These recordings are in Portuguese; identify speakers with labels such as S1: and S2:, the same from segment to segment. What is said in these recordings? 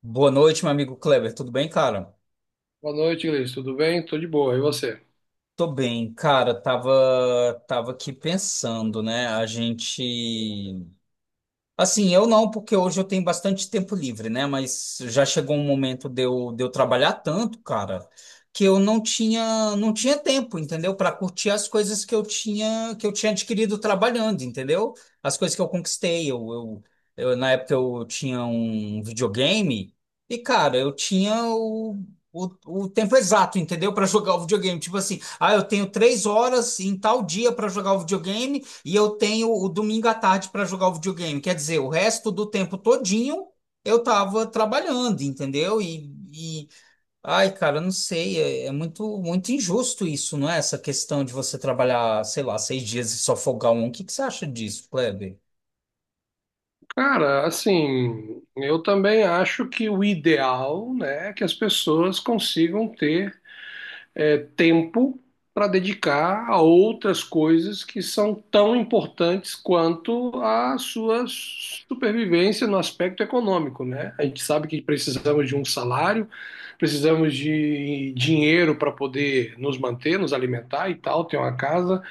S1: Boa noite, meu amigo Kleber. Tudo bem, cara?
S2: Boa noite, Gleice. Tudo bem? Tô de boa. E você?
S1: Tô bem, cara. Tava aqui pensando, né? A gente Assim, eu não, porque hoje eu tenho bastante tempo livre, né? Mas já chegou um momento de eu trabalhar tanto, cara, que eu não tinha tempo, entendeu? Para curtir as coisas que eu tinha adquirido trabalhando, entendeu? As coisas que eu conquistei. Na época eu tinha um videogame cara, eu tinha o tempo exato, entendeu? Para jogar o videogame. Tipo assim, ah, eu tenho 3 horas em tal dia para jogar o videogame. E eu tenho o domingo à tarde para jogar o videogame. Quer dizer, o resto do tempo todinho eu tava trabalhando, entendeu? E ai, cara, eu não sei, é muito, muito injusto isso, não é? Essa questão de você trabalhar, sei lá, 6 dias e só folgar um. O que que você acha disso, Kleber?
S2: Cara, assim, eu também acho que o ideal, né, é que as pessoas consigam ter tempo para dedicar a outras coisas que são tão importantes quanto a sua supervivência no aspecto econômico, né? A gente sabe que precisamos de um salário, precisamos de dinheiro para poder nos manter, nos alimentar e tal, ter uma casa.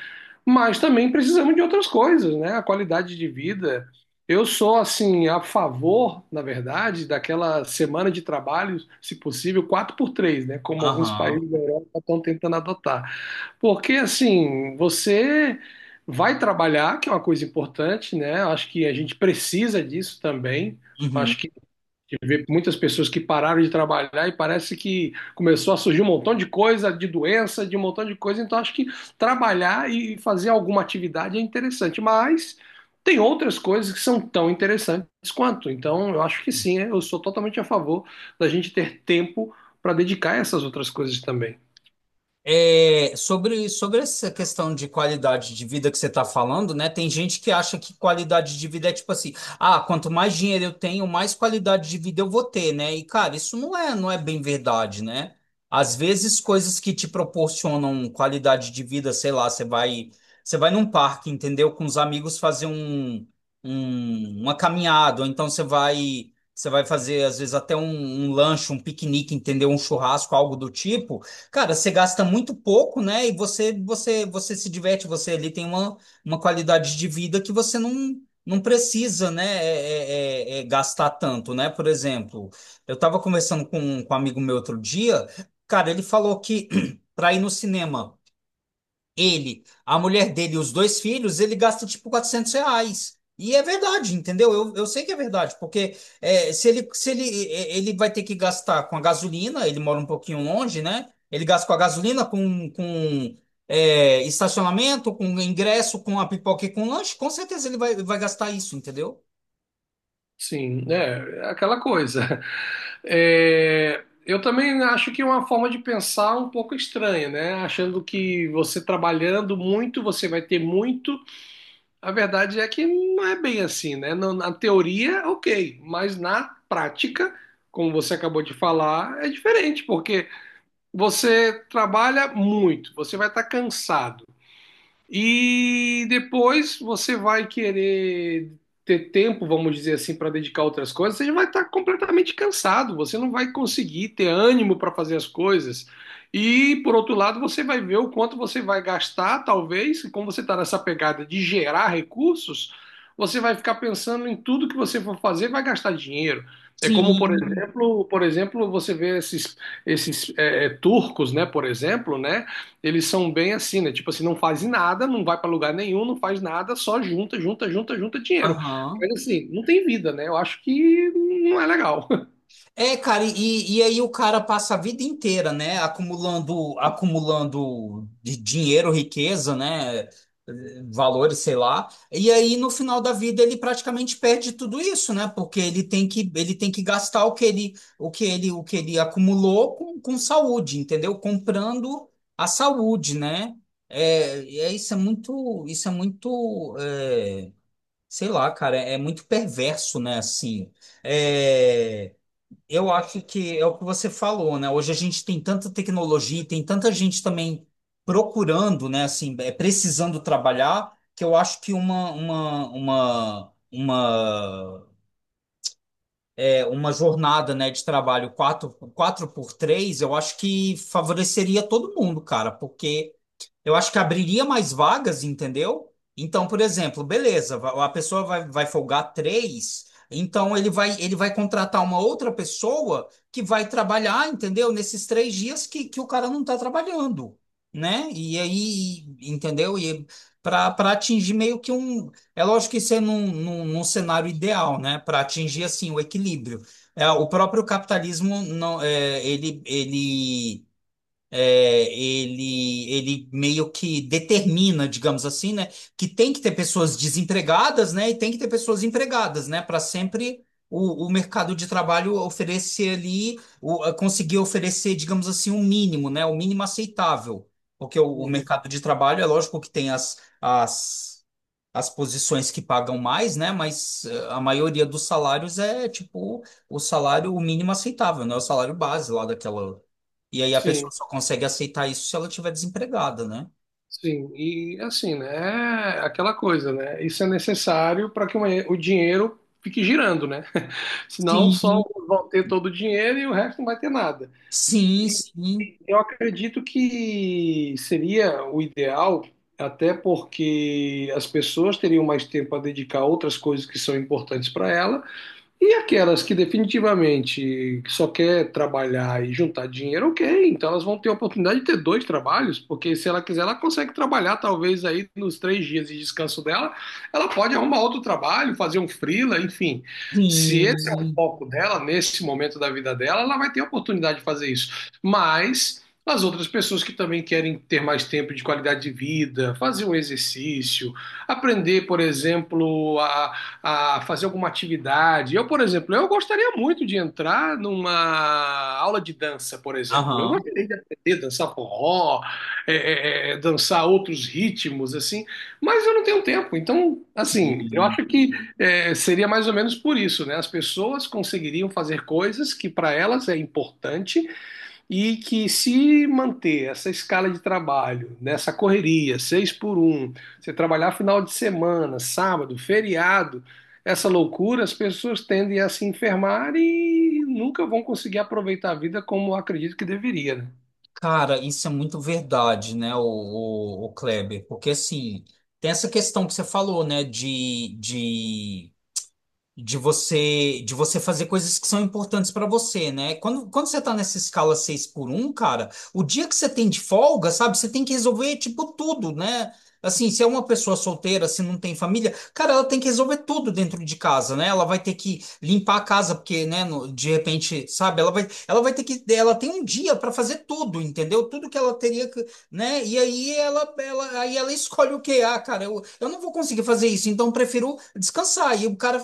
S2: Mas também precisamos de outras coisas, né? A qualidade de vida. Eu sou, assim, a favor, na verdade, daquela semana de trabalho, se possível, 4 por 3, né? Como alguns
S1: Aham.
S2: países da Europa estão tentando adotar. Porque, assim, você vai trabalhar, que é uma coisa importante, né? Acho que a gente precisa disso também.
S1: Uhum.
S2: Acho gente vê muitas pessoas que pararam de trabalhar e parece que começou a surgir um montão de coisa, de doença, de um montão de coisa. Então, acho que trabalhar e fazer alguma atividade é interessante, mas tem outras coisas que são tão interessantes quanto. Então, eu acho que sim, eu sou totalmente a favor da gente ter tempo para dedicar a essas outras coisas também.
S1: É, sobre essa questão de qualidade de vida que você está falando, né? Tem gente que acha que qualidade de vida é tipo assim, ah, quanto mais dinheiro eu tenho, mais qualidade de vida eu vou ter, né? E, cara, isso não é bem verdade, né? Às vezes, coisas que te proporcionam qualidade de vida, sei lá, você vai num parque, entendeu? Com os amigos fazer uma caminhada, ou então você vai fazer, às vezes, até um lanche, um piquenique, entendeu? Um churrasco, algo do tipo. Cara, você gasta muito pouco, né? E você se diverte, você ali tem uma qualidade de vida que você não precisa, né? É gastar tanto, né? Por exemplo, eu estava conversando com um amigo meu outro dia, cara, ele falou que para ir no cinema ele, a mulher dele e os dois filhos, ele gasta tipo R$ 400. E é verdade, entendeu? Eu sei que é verdade, porque é, se ele, se ele, é, ele vai ter que gastar com a gasolina, ele mora um pouquinho longe, né? Ele gasta com a gasolina, estacionamento, com ingresso, com a pipoca e com lanche, com certeza ele vai, vai gastar isso, entendeu?
S2: Sim, é, é aquela coisa. É, eu também acho que é uma forma de pensar um pouco estranha, né? Achando que você trabalhando muito, você vai ter muito. A verdade é que não é bem assim, né? Na teoria, ok, mas na prática, como você acabou de falar, é diferente, porque você trabalha muito, você vai estar cansado. E depois você vai querer ter tempo, vamos dizer assim, para dedicar a outras coisas, você já vai estar completamente cansado, você não vai conseguir ter ânimo para fazer as coisas. E por outro lado, você vai ver o quanto você vai gastar, talvez, e como você está nessa pegada de gerar recursos, você vai ficar pensando em tudo que você for fazer, vai gastar dinheiro. É como,
S1: Sim.
S2: por exemplo, você vê esses turcos, né, por exemplo, né? Eles são bem assim, né? Tipo assim, não faz nada, não vai pra lugar nenhum, não faz nada, só junta, junta, junta, junta dinheiro. Mas
S1: Aham.
S2: assim, não tem vida, né? Eu acho que não é legal.
S1: É, cara, e aí o cara passa a vida inteira, né, acumulando, acumulando de dinheiro, riqueza, né, valores, sei lá. E aí no final da vida ele praticamente perde tudo isso, né, porque ele tem que gastar o que ele, o que ele, o que ele acumulou com saúde, entendeu? Comprando a saúde, né? Isso é muito, é, sei lá, cara, é muito perverso, né, assim. É, eu acho que é o que você falou, né? Hoje a gente tem tanta tecnologia, e tem tanta gente também procurando, né? Assim, é, precisando trabalhar, que eu acho que é, uma jornada, né, de trabalho quatro por três eu acho que favoreceria todo mundo, cara, porque eu acho que abriria mais vagas, entendeu? Então, por exemplo, beleza, a pessoa vai, vai folgar três, então ele vai contratar uma outra pessoa que vai trabalhar, entendeu? Nesses 3 dias que o cara não está trabalhando, né? E aí, entendeu? E para atingir meio que um. É lógico que isso é num cenário ideal, né? Para atingir assim o equilíbrio. É, o próprio capitalismo não, é, ele meio que determina, digamos assim, né, que tem que ter pessoas desempregadas, né, e tem que ter pessoas empregadas, né, para sempre o mercado de trabalho oferecer ali, o, a conseguir oferecer, digamos assim, um mínimo, né, o mínimo aceitável, porque o
S2: Uhum.
S1: mercado de trabalho é lógico que tem as posições que pagam mais, né? Mas eh, a maioria dos salários é tipo o salário mínimo aceitável, né? O salário base lá daquela. E aí a pessoa
S2: Sim,
S1: só consegue aceitar isso se ela estiver desempregada, né?
S2: sim. E assim, né? É aquela coisa, né? Isso é necessário para que uma o dinheiro fique girando, né? Senão só
S1: Sim,
S2: vão ter todo o dinheiro e o resto não vai ter nada.
S1: Sim,
S2: E-
S1: sim,
S2: Eu acredito que seria o ideal, até porque as pessoas teriam mais tempo a dedicar a outras coisas que são importantes para ela. E aquelas que definitivamente só quer trabalhar e juntar dinheiro, ok. Então elas vão ter a oportunidade de ter dois trabalhos, porque se ela quiser, ela consegue trabalhar talvez aí nos 3 dias de descanso dela, ela pode arrumar outro trabalho, fazer um freela, enfim. Se esse é o
S1: sim.
S2: foco dela, nesse momento da vida dela, ela vai ter a oportunidade de fazer isso. Mas as outras pessoas que também querem ter mais tempo de qualidade de vida, fazer um exercício, aprender, por exemplo, a fazer alguma atividade. Eu, por exemplo, eu gostaria muito de entrar numa aula de dança, por exemplo. Eu
S1: Aham.
S2: gostaria de aprender a dançar forró, dançar outros ritmos, assim, mas eu não tenho tempo. Então, assim, eu
S1: Sim.
S2: acho que seria mais ou menos por isso, né? As pessoas conseguiriam fazer coisas que para elas é importante e que se manter essa escala de trabalho, nessa correria, seis por um, você trabalhar final de semana, sábado, feriado, essa loucura, as pessoas tendem a se enfermar e nunca vão conseguir aproveitar a vida como eu acredito que deveria, né?
S1: Cara, isso é muito verdade, né, o Kleber? Porque assim, tem essa questão que você falou, né, de você fazer coisas que são importantes para você, né? Quando você tá nessa escala 6 por um cara, o dia que você tem de folga, sabe, você tem que resolver tipo tudo, né? Assim, se é uma pessoa solteira, se não tem família, cara, ela tem que resolver tudo dentro de casa, né? Ela vai ter que limpar a casa, porque, né, de repente, sabe, ela vai ter que, ela tem um dia para fazer tudo, entendeu? Tudo que ela teria que, né? E aí aí ela escolhe o que, ah, cara, eu não vou conseguir fazer isso, então eu prefiro descansar. E o cara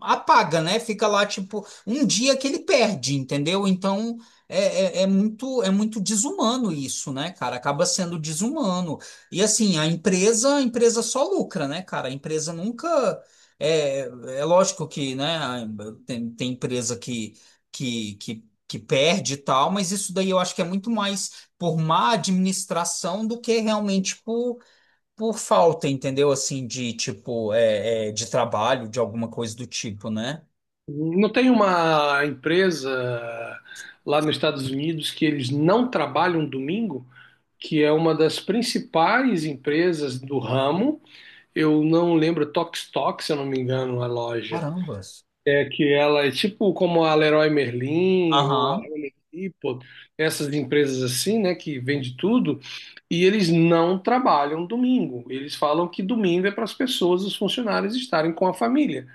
S1: apaga, né? Fica lá, tipo, um dia que ele perde, entendeu? Então é muito desumano isso, né, cara? Acaba sendo desumano. E assim, a empresa só lucra, né, cara? A empresa nunca. É, é lógico que, né, tem empresa que perde e tal, mas isso daí eu acho que é muito mais por má administração do que realmente por falta, entendeu? Assim, de tipo, é, de trabalho, de alguma coisa do tipo, né?
S2: Não tem uma empresa lá nos Estados Unidos que eles não trabalham domingo, que é uma das principais empresas do ramo. Eu não lembro Tox Tox, se eu não me engano, a loja.
S1: Carambas.
S2: É que ela é tipo como a Leroy Merlin ou a
S1: Aham.
S2: Home Depot, essas empresas assim, né, que vende tudo, e eles não trabalham domingo. Eles falam que domingo é para as pessoas, os funcionários estarem com a família.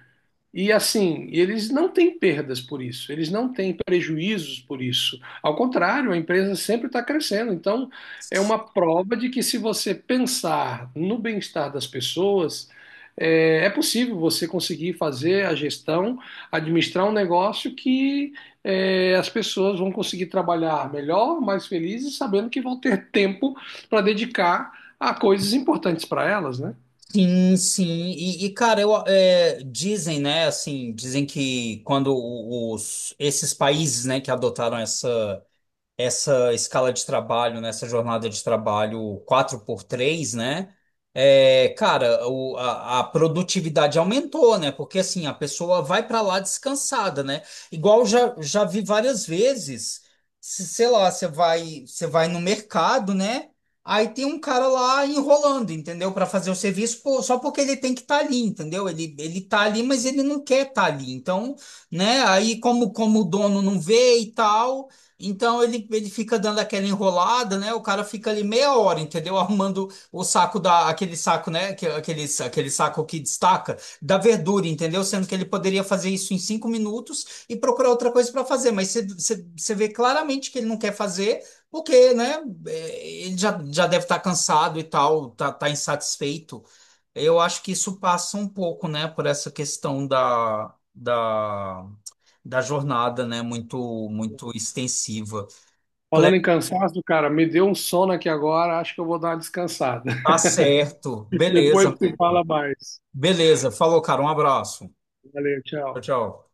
S2: E assim, eles não têm perdas por isso, eles não têm prejuízos por isso. Ao contrário, a empresa sempre está crescendo. Então, é uma prova de que se você pensar no bem-estar das pessoas, é possível você conseguir fazer a gestão, administrar um negócio que as pessoas vão conseguir trabalhar melhor, mais felizes, sabendo que vão ter tempo para dedicar a coisas importantes para elas, né?
S1: Sim, sim. Cara, eu, é, dizem, né, assim, dizem que quando os, esses países, né, que adotaram essa escala de trabalho, nessa jornada de trabalho quatro por três, né? É, cara, a produtividade aumentou, né? Porque assim, a pessoa vai para lá descansada, né? Igual já vi várias vezes, sei lá, você vai no mercado, né? Aí tem um cara lá enrolando, entendeu? Para fazer o serviço, pô, só porque ele tem que estar ali, entendeu? Ele tá ali, mas ele não quer estar ali. Então, né? Aí como o dono não vê e tal, então ele fica dando aquela enrolada, né? O cara fica ali meia hora, entendeu? Arrumando o saco da aquele saco, né? Aquele saco que destaca da verdura, entendeu? Sendo que ele poderia fazer isso em 5 minutos e procurar outra coisa para fazer. Mas você vê claramente que ele não quer fazer, porque, né? Ele já deve estar cansado e tal, tá insatisfeito. Eu acho que isso passa um pouco, né? Por essa questão da jornada, né? Muito, muito extensiva.
S2: Falando em
S1: Cleber,
S2: cansaço, cara, me deu um sono aqui agora, acho que eu vou dar uma descansada.
S1: tá certo. Beleza,
S2: Depois se
S1: amigo.
S2: fala mais.
S1: Beleza. Falou, cara. Um abraço.
S2: Valeu,
S1: Tchau,
S2: tchau.
S1: tchau.